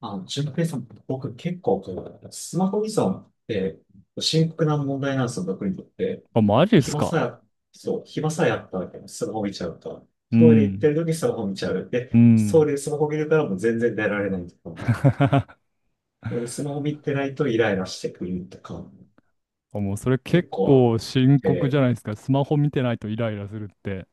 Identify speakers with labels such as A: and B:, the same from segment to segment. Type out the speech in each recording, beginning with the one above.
A: 純平さん、僕結構こう、スマホ依存って深刻な問題なんですよ、僕にとって。
B: あ、マジっす
A: 暇
B: か。
A: さえ、そう、暇さえあったわらスマホ見ちゃうと。
B: う
A: トイレ行っ
B: ん。
A: てる時にスマホ見ちゃう。
B: う
A: そ
B: ん。
A: れでスマホ見るからもう全然出られないとか。なので、スマホ見てないとイライラしてくるとか、
B: あ、もうそれ結
A: 結構あっ
B: 構深刻じ
A: て。
B: ゃないですか。スマホ見てないとイライラするって。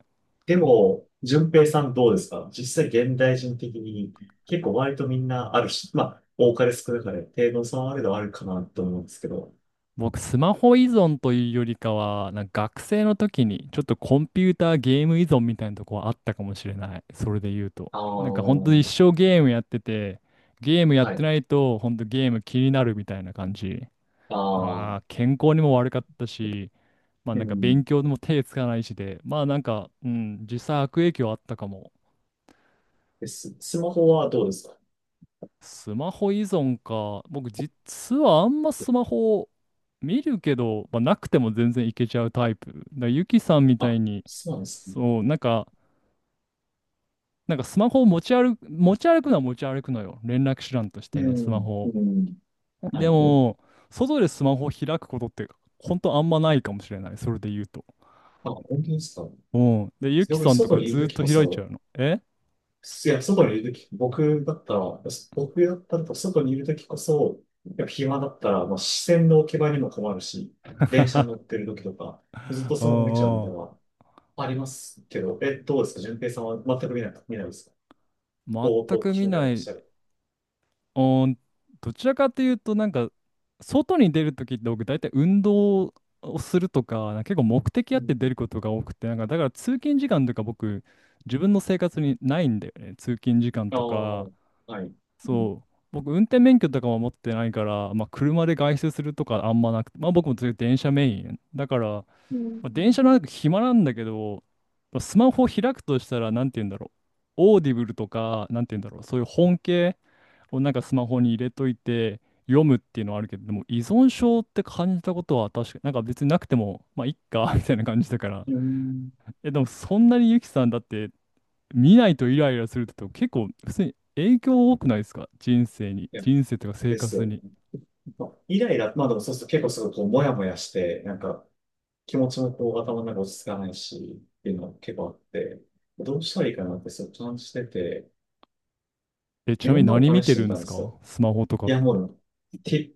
A: でも、順平さんどうですか？実際現代人的に結構割とみんなあるし、まあ、多かれ少なかれ、程度の差はあれどあるかなと思うんですけど。
B: 僕、スマホ依存というよりかは、なんか学生の時にちょっとコンピューターゲーム依存みたいなとこはあったかもしれない。それで言うと。
A: あ
B: なんか本当
A: あ。
B: に一生ゲームやってて、ゲームやっ
A: は
B: て
A: い。
B: ないと本当ゲーム気になるみたいな感じ。
A: ああ、
B: まあ、健康にも悪かったし、まあ
A: う
B: なんか
A: ん。
B: 勉強でも手つかないしで、まあなんか、うん、実際悪影響あったかも。
A: え、スマホはどうですか？
B: スマホ依存か。僕実はあんまスマホを見るけど、まあ、なくても全然いけちゃうタイプ。だからゆきさんみたい
A: あ、
B: に、
A: そうなんですね。
B: そう、なんか、なんかスマホを持ち歩くのは持ち歩くのよ。連絡手段として
A: う
B: ね、スマ
A: ん、
B: ホ
A: う
B: を。
A: ん。は
B: で
A: い。
B: も、外でスマホを開くことって、ほんとあんまないかもしれない。それで言うと。
A: あ、本当ですか？
B: うん。で、ゆき
A: 僕、
B: さんと
A: 外
B: か
A: にいる
B: ず
A: と
B: っ
A: き
B: と
A: こ
B: 開いちゃ
A: そ、
B: うの。え、
A: いや、外にいるとき、僕だったらと外にいるときこそ、やっぱ暇だったら、まあ、視線の置き場にも困るし、電車に乗ってるときとか、ずっと
B: う
A: スマホ見ちゃうみ
B: ん
A: た
B: う
A: いな
B: ん。
A: のはありますけど、え、どうですか？順平さんは全く見ない、見ないですか？
B: 全
A: ぼーっと
B: く
A: 気
B: 見
A: になり
B: な
A: まし
B: い。
A: たる。
B: おー、どちらかというと、なんか、外に出るときって僕、大体運動をするとか、なんか結構目的
A: う
B: あって出
A: ん。
B: ることが多くて、なんか、だから通勤時間とか僕、自分の生活にないんだよね。通勤時間
A: ああ、
B: とか、
A: はい。
B: そう、僕、運転免許とかも持ってないから、まあ、車で外出するとかあんまなくて、まあ、僕もず電車メイン。だから、まあ、電車の中暇なんだけど、スマホを開くとしたら、なんて言うんだろう。オーディブルとか、なんて言うんだろう。そういう本系。をなんかスマホに入れといて読むっていうのはあるけど、でも依存症って感じたことは確か、なんか別になくても、まあいっか みたいな感じだから。
A: うん。
B: え、でもそんなにゆきさんだって見ないとイライラするってと結構普通に影響多くないですか人生に。
A: いや、
B: 人生とか生
A: です
B: 活
A: よ。
B: に。
A: まあイライラ、まあでもそうすると結構すごいこう、もやもやして、気持ちもこう、頭の中落ち着かないし、っていうのが結構あって、どうしたらいいかなって、そう、感じてて、
B: え、ち
A: い
B: な
A: ろ
B: み
A: ん
B: に
A: なの
B: 何
A: を
B: 見
A: 試
B: て
A: して
B: る
A: み
B: ん
A: た
B: で
A: ん
B: す
A: ですよ。
B: かスマホとか。
A: いや、もう、て、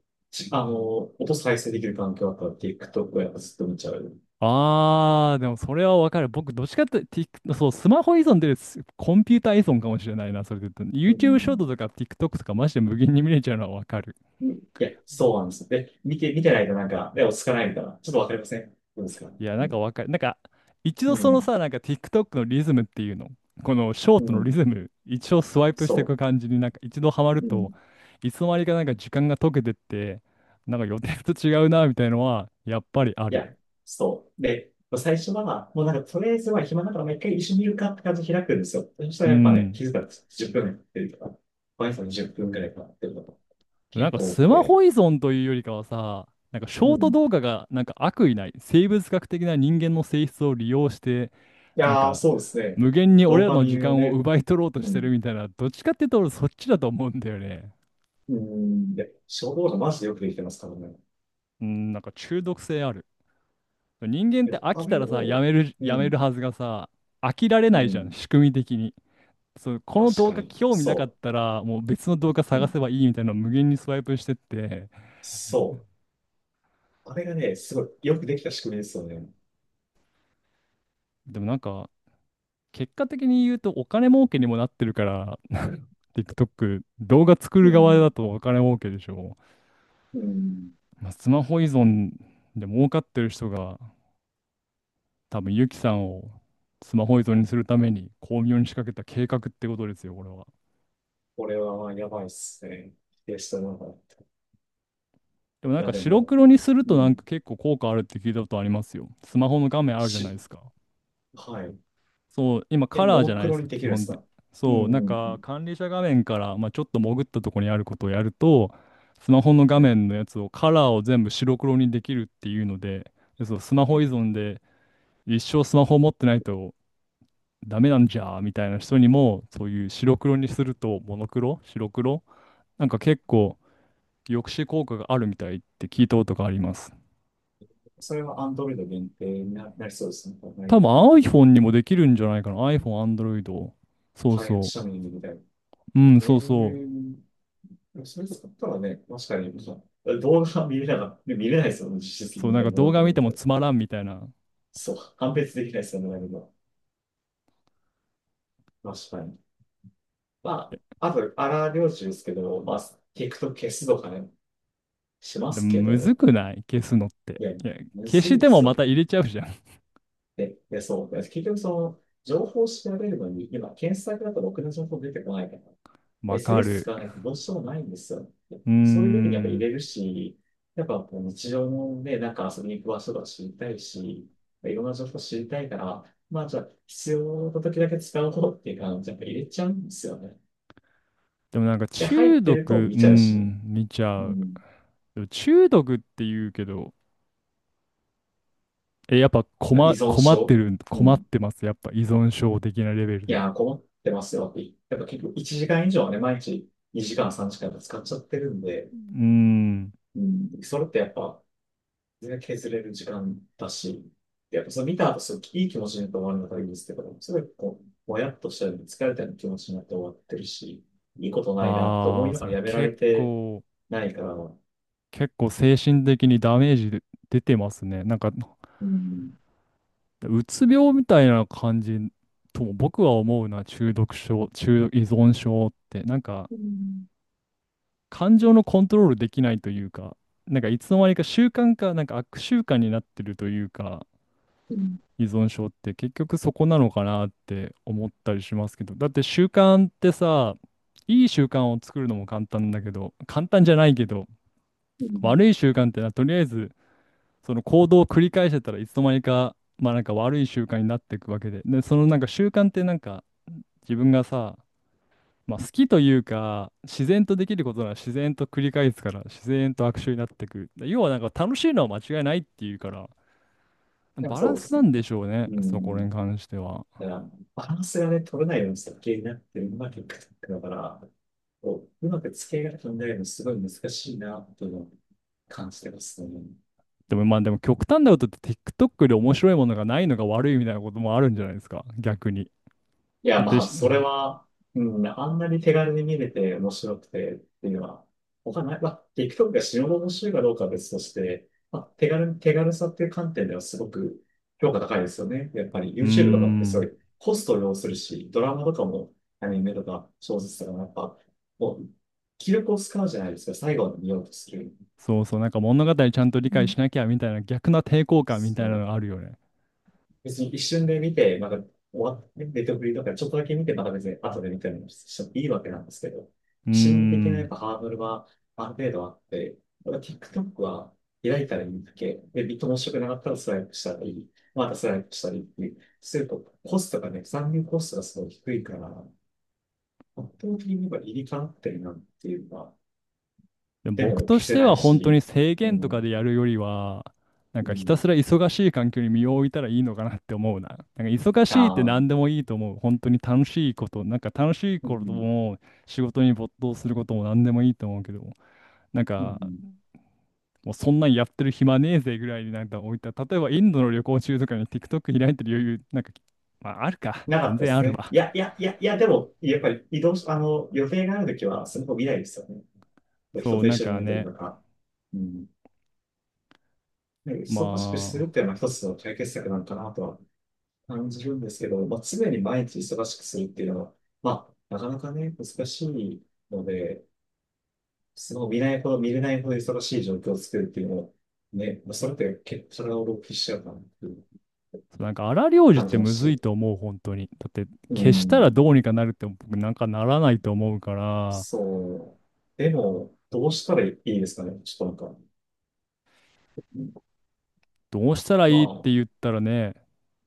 A: あの、音再生できる環境だったら TikTok をやっぱずっと見ちゃう。
B: あー、でもそれはわかる。僕、どっちかって、そう、スマホ依存ですコンピューター依存かもしれないな、それで言うと。
A: う
B: YouTube ショート
A: ん。
B: とか TikTok とかマジで無限に見れちゃうのはわかる。
A: うん。いや、そうなんですよ。で、見てないとなんか、で、落ち着かないみたいな。ちょっとわかりません？どうですか？
B: いや、な
A: う
B: んか
A: ん。
B: わかる。なんか、一
A: う
B: 度その
A: ん。
B: さ、なんか TikTok のリズムっていうの、このショー
A: う
B: トのリ
A: ん。
B: ズム、一応スワイプしてい
A: そ
B: く感じになんか一度ハマる
A: う。う
B: と、
A: ん。
B: いつの間にかなんか時間が溶けてって、なんか予定と違うな、みたいのは、やっぱりあ
A: いや、
B: る。
A: そう。で、最初は、もうなんか、とりあえずは暇だから、もう一回一緒に見るかって感じで開くんですよ。そした
B: う
A: らやっぱね、
B: ん。
A: 気づいたんですよ。10分やってるとか、毎朝10分くらいかなってるとか、
B: なん
A: 結
B: か
A: 構多
B: ス
A: く
B: マ
A: て。
B: ホ依存というよりかはさ、なんかシ
A: う
B: ョート
A: ん。
B: 動画がなんか悪意ない、生物学的な人間の性質を利用して、
A: い
B: なん
A: やー、
B: か、
A: そうですね。
B: 無限に
A: ド
B: 俺
A: ー
B: ら
A: パ
B: の
A: ミ
B: 時
A: ンを
B: 間を
A: ね、
B: 奪い取ろうと
A: う
B: してる
A: ん。
B: みたいな、どっちかっていうと俺そっちだと思うんだよね。
A: うん。で、衝動がマジでよくできてますからね。
B: うん、なんか中毒性ある。人間って飽き
A: あ
B: た
A: れ
B: らさ、や
A: を、
B: める、
A: う
B: やめ
A: ん。
B: るはずがさ、飽きられ
A: う
B: ないじゃん、
A: ん。
B: 仕組み的に。そう、この
A: 確
B: 動
A: か
B: 画
A: に。
B: 興味なかっ
A: そ
B: たら、もう別の動画
A: う。う
B: 探
A: ん。
B: せばいいみたいなのを無限にスワイプしてって、
A: そう。あれがね、すごいよくできた仕組みですよね。
B: でもなんか、結果的に言うとお金儲けにもなってるから、TikTok、動画作
A: う
B: る側だ
A: ん。
B: とお金儲けでしょ。
A: うん。
B: まあ、スマホ依存で儲かってる人が、多分ユキさんをスマホ依存にするために巧妙に仕掛けた計画ってことですよ、これは。
A: これはまあやばいっすね。否定したのがら。い
B: でもなん
A: や、
B: か
A: で
B: 白
A: も、
B: 黒にする
A: う
B: となん
A: ん。
B: か結構効果あるって聞いたことありますよ。スマホの画面あるじゃないで
A: し、
B: すか。
A: はい。
B: そう、今
A: え、
B: カラ
A: モ
B: ーじ
A: ノ
B: ゃない
A: ク
B: で
A: ロ
B: すか、
A: にでき
B: 基
A: るんで
B: 本
A: す
B: で。
A: か？うん、う
B: そう、なん
A: ん、う
B: か
A: ん。
B: 管理者画面から、まあ、ちょっと潜ったところにあることをやると、スマホの画
A: はい。
B: 面のやつをカラーを全部白黒にできるっていうので、でそう、スマホ
A: え、
B: 依存で一生スマホ持ってないとダメなんじゃーみたいな人にも、そういう白黒にするとモノクロ、白黒、なんか結構抑止効果があるみたいって聞いたことがあります。
A: それは Android 限定にな、なりそうですね。はい。
B: 多分
A: うん。
B: iPhone にもできるんじゃないかな。iPhone、Android。そう
A: い、
B: そ
A: シ
B: う。
A: ャミングみたいな。
B: うん、
A: え
B: そうそう。
A: ー、でもそれ使ったらね、確かに、あ動画は見れなかった。見れないですよね、実質的
B: そう、
A: に
B: なん
A: ね、
B: か
A: モ
B: 動
A: ノク
B: 画
A: ロ
B: 見
A: み
B: て
A: た
B: も
A: いな。
B: つまらんみたいな。
A: そう、判別できないですよね、何も。確かに。まあ、あと、荒療治ですけど、まあ、TikTok 消すとかね、しま
B: でも、
A: すけ
B: むず
A: ど、
B: くない消すのって。
A: いや、
B: いや、
A: む
B: 消
A: ず
B: し
A: いで
B: ても
A: す
B: ま
A: よ。
B: た入れちゃうじゃん。
A: で、そう。で結局その、情報を調べるのに、今、検索だとろくな情報出てこないから。
B: わか
A: SNS
B: る。
A: 使わないとどうしようもないんですよ。で
B: うー
A: そういう時にやっぱ入
B: ん。
A: れるし、やっぱこう日常のね、なんか遊びに行く場所とか知りたいし、いろんな情報知りたいから、まあじゃあ必要な時だけ使おうっていう感じでやっぱ入れちゃうんですよね。
B: でもなんか
A: で、入っ
B: 中
A: てると
B: 毒、
A: 見
B: う
A: ちゃうしね。
B: ん、見ちゃ
A: う
B: う。
A: ん。
B: でも中毒って言うけど、え、やっぱ
A: 依存症。う
B: 困っ
A: ん。
B: てます。やっぱ依存症的なレベル
A: い
B: で。
A: やー、困ってますよって。やっぱ結構1時間以上はね、毎日2時間、3時間と使っちゃってるんで、
B: うーん。
A: うん、それってやっぱ全然削れる時間だし、でやっぱそれ見た後、すごいいい気持ちになって終わるのがいいですけど、すごいこう、もやっとしたり、疲れたような気持ちになって終わってるし、いいことないなと思
B: あ
A: い
B: あ、
A: なが
B: そ
A: ら
B: れ
A: やめられ
B: 結
A: て
B: 構
A: ないから、うん、
B: 結構精神的にダメージで出てますね。なんか、
A: う
B: うつ病みたいな感じとも僕は思うな、中毒症、中毒依存症って。なんか、
A: ん、
B: 感情のコントロールできないというか、なんかいつの間にか習慣か、なんか悪習慣になってるというか、
A: うん、
B: 依存症って結局そこなのかなって思ったりしますけど、だって習慣ってさ、いい習慣を作るのも簡単だけど、簡単じゃないけど、
A: うん。
B: 悪い習慣ってのはとりあえず、その行動を繰り返してたらいつの間にか、まあなんか悪い習慣になっていくわけで。で、そのなんか習慣ってなんか自分がさ、まあ好きというか、自然とできることなら自然と繰り返すから、自然と悪臭になっていく。で要はなんか楽しいのは間違いないっていうから、
A: なんか
B: バラ
A: そう
B: ン
A: で
B: ス
A: す
B: な
A: ね。
B: んでしょうね、
A: う
B: そこ
A: ん。
B: に関しては。
A: だから、バランスがね、取れないように設計になってるのが結果だから、こう、うまく付け合いが考なるのすごい難しいな、というのを感じてますね。
B: でもまあでも極端なことって TikTok で面白いものがないのが悪いみたいなこともあるんじゃないですか、逆に。
A: いや、
B: だって
A: まあ、
B: し、う
A: それは、うん、あんなに手軽に見れて面白くてっていうのは、他ない。まあ、TikTok が死ぬほど面白いかどうかは別として、まあ、手軽さっていう観点ではすごく評価高いですよね。やっぱり
B: ー
A: YouTube とかってそう
B: ん。
A: いうコストを要するし、ドラマとかもアニメとか小説とかもやっぱ、もう、気力を使うじゃないですか。最後まで見ようとする。
B: そうそう、なんか物語ちゃんと理
A: う
B: 解
A: ん。
B: しなきゃみたいな逆な抵抗感みたいなのがあるよね。
A: 別に一瞬で見て、まだ終わって、ネットフリとかちょっとだけ見て、また別に後で見たりもしてもいいわけなんですけど、
B: うー
A: 心理的なやっ
B: ん。
A: ぱハードルはある程度あって、ただ TikTok は開いたらいいだけ、で、ビット面白くなかったらスライプしたり、またスライプしたりっていうすると、コストがね、残留コストがすごい低いから、圧倒的にやっぱ理にかなってるなっていうのは、
B: でも
A: で
B: 僕
A: も
B: と
A: 消
B: し
A: せ
B: て
A: な
B: は
A: い
B: 本当に
A: し、
B: 制
A: う
B: 限とかでや
A: ん、
B: るよりは、なん
A: う
B: かひ
A: ん、
B: たすら忙しい環境に身を置いたらいいのかなって思うな。なんか忙
A: あ
B: しいって何で
A: あ、
B: もいいと思う。本当に楽しいこと、なんか楽しい
A: う
B: こと
A: ん、
B: も仕事に没頭することも何でもいいと思うけど、なん
A: う
B: か
A: ん。
B: もうそんなんやってる暇ねえぜぐらいになんか置いた。例えばインドの旅行中とかに TikTok 開いてる余裕、なんか、まああるか。
A: なか
B: 全
A: ったで
B: 然あ
A: す
B: る
A: ね。
B: わ。
A: いや、いや、いや、いや、でも、やっぱり移動し、あの、予定があるときは、スマホ見ないですよね。人
B: そう、
A: と一
B: なん
A: 緒にい
B: か
A: るとき
B: ね、
A: とか。うん。ね
B: ま
A: 忙しくするっ
B: あ、
A: ていうのは一つの解決策なのかなとは感じるんですけど、まあ、常に毎日忙しくするっていうのは、まあ、なかなかね、難しいので、スマホ見ないほど、見れないほど忙しい状況を作るっていうのを、ね、まあ、それって結構体を浪費しちゃうかなっていう
B: そうなんか荒療治っ
A: 感じ
B: て
A: ます
B: むずい
A: し。
B: と思う、本当に。だって、
A: う
B: 消したら
A: ん。
B: どうにかなるって僕なんかならないと思うから、
A: そう。でも、どうしたらいいですかね。ちょっとなんか、
B: どうしたら
A: ま
B: いいって
A: あ、
B: 言ったらね、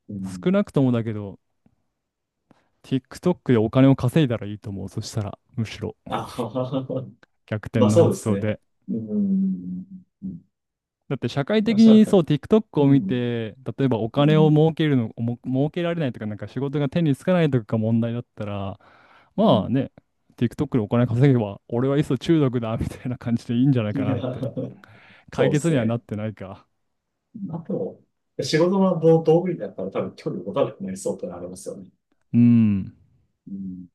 A: う
B: 少
A: ん。
B: なくともだけど、TikTok でお金を稼いだらいいと思う。そしたら、むしろ
A: あははは。
B: 逆転
A: まあ
B: の
A: そう
B: 発
A: です
B: 想
A: ね。
B: で。
A: うん。うん。
B: だって社会
A: ま
B: 的
A: あ、した
B: に
A: ら
B: そう TikTok
A: う
B: を見
A: ん。
B: て、例えばお
A: う
B: 金を
A: ん。
B: 儲けるの、も儲けられないとか、なんか仕事が手につかないとかが問題だったら、
A: う
B: まあ
A: ん。
B: ね、TikTok でお金稼げば、俺はいっそ中毒だ、みたいな感じでいいんじゃない
A: い
B: か
A: や
B: なって。解
A: そうで
B: 決
A: す
B: にはなっ
A: ね。
B: てないか。
A: あと、仕事の道具になったら多分距離を持たなくなりそうってのはありますよね。
B: うん。
A: うん。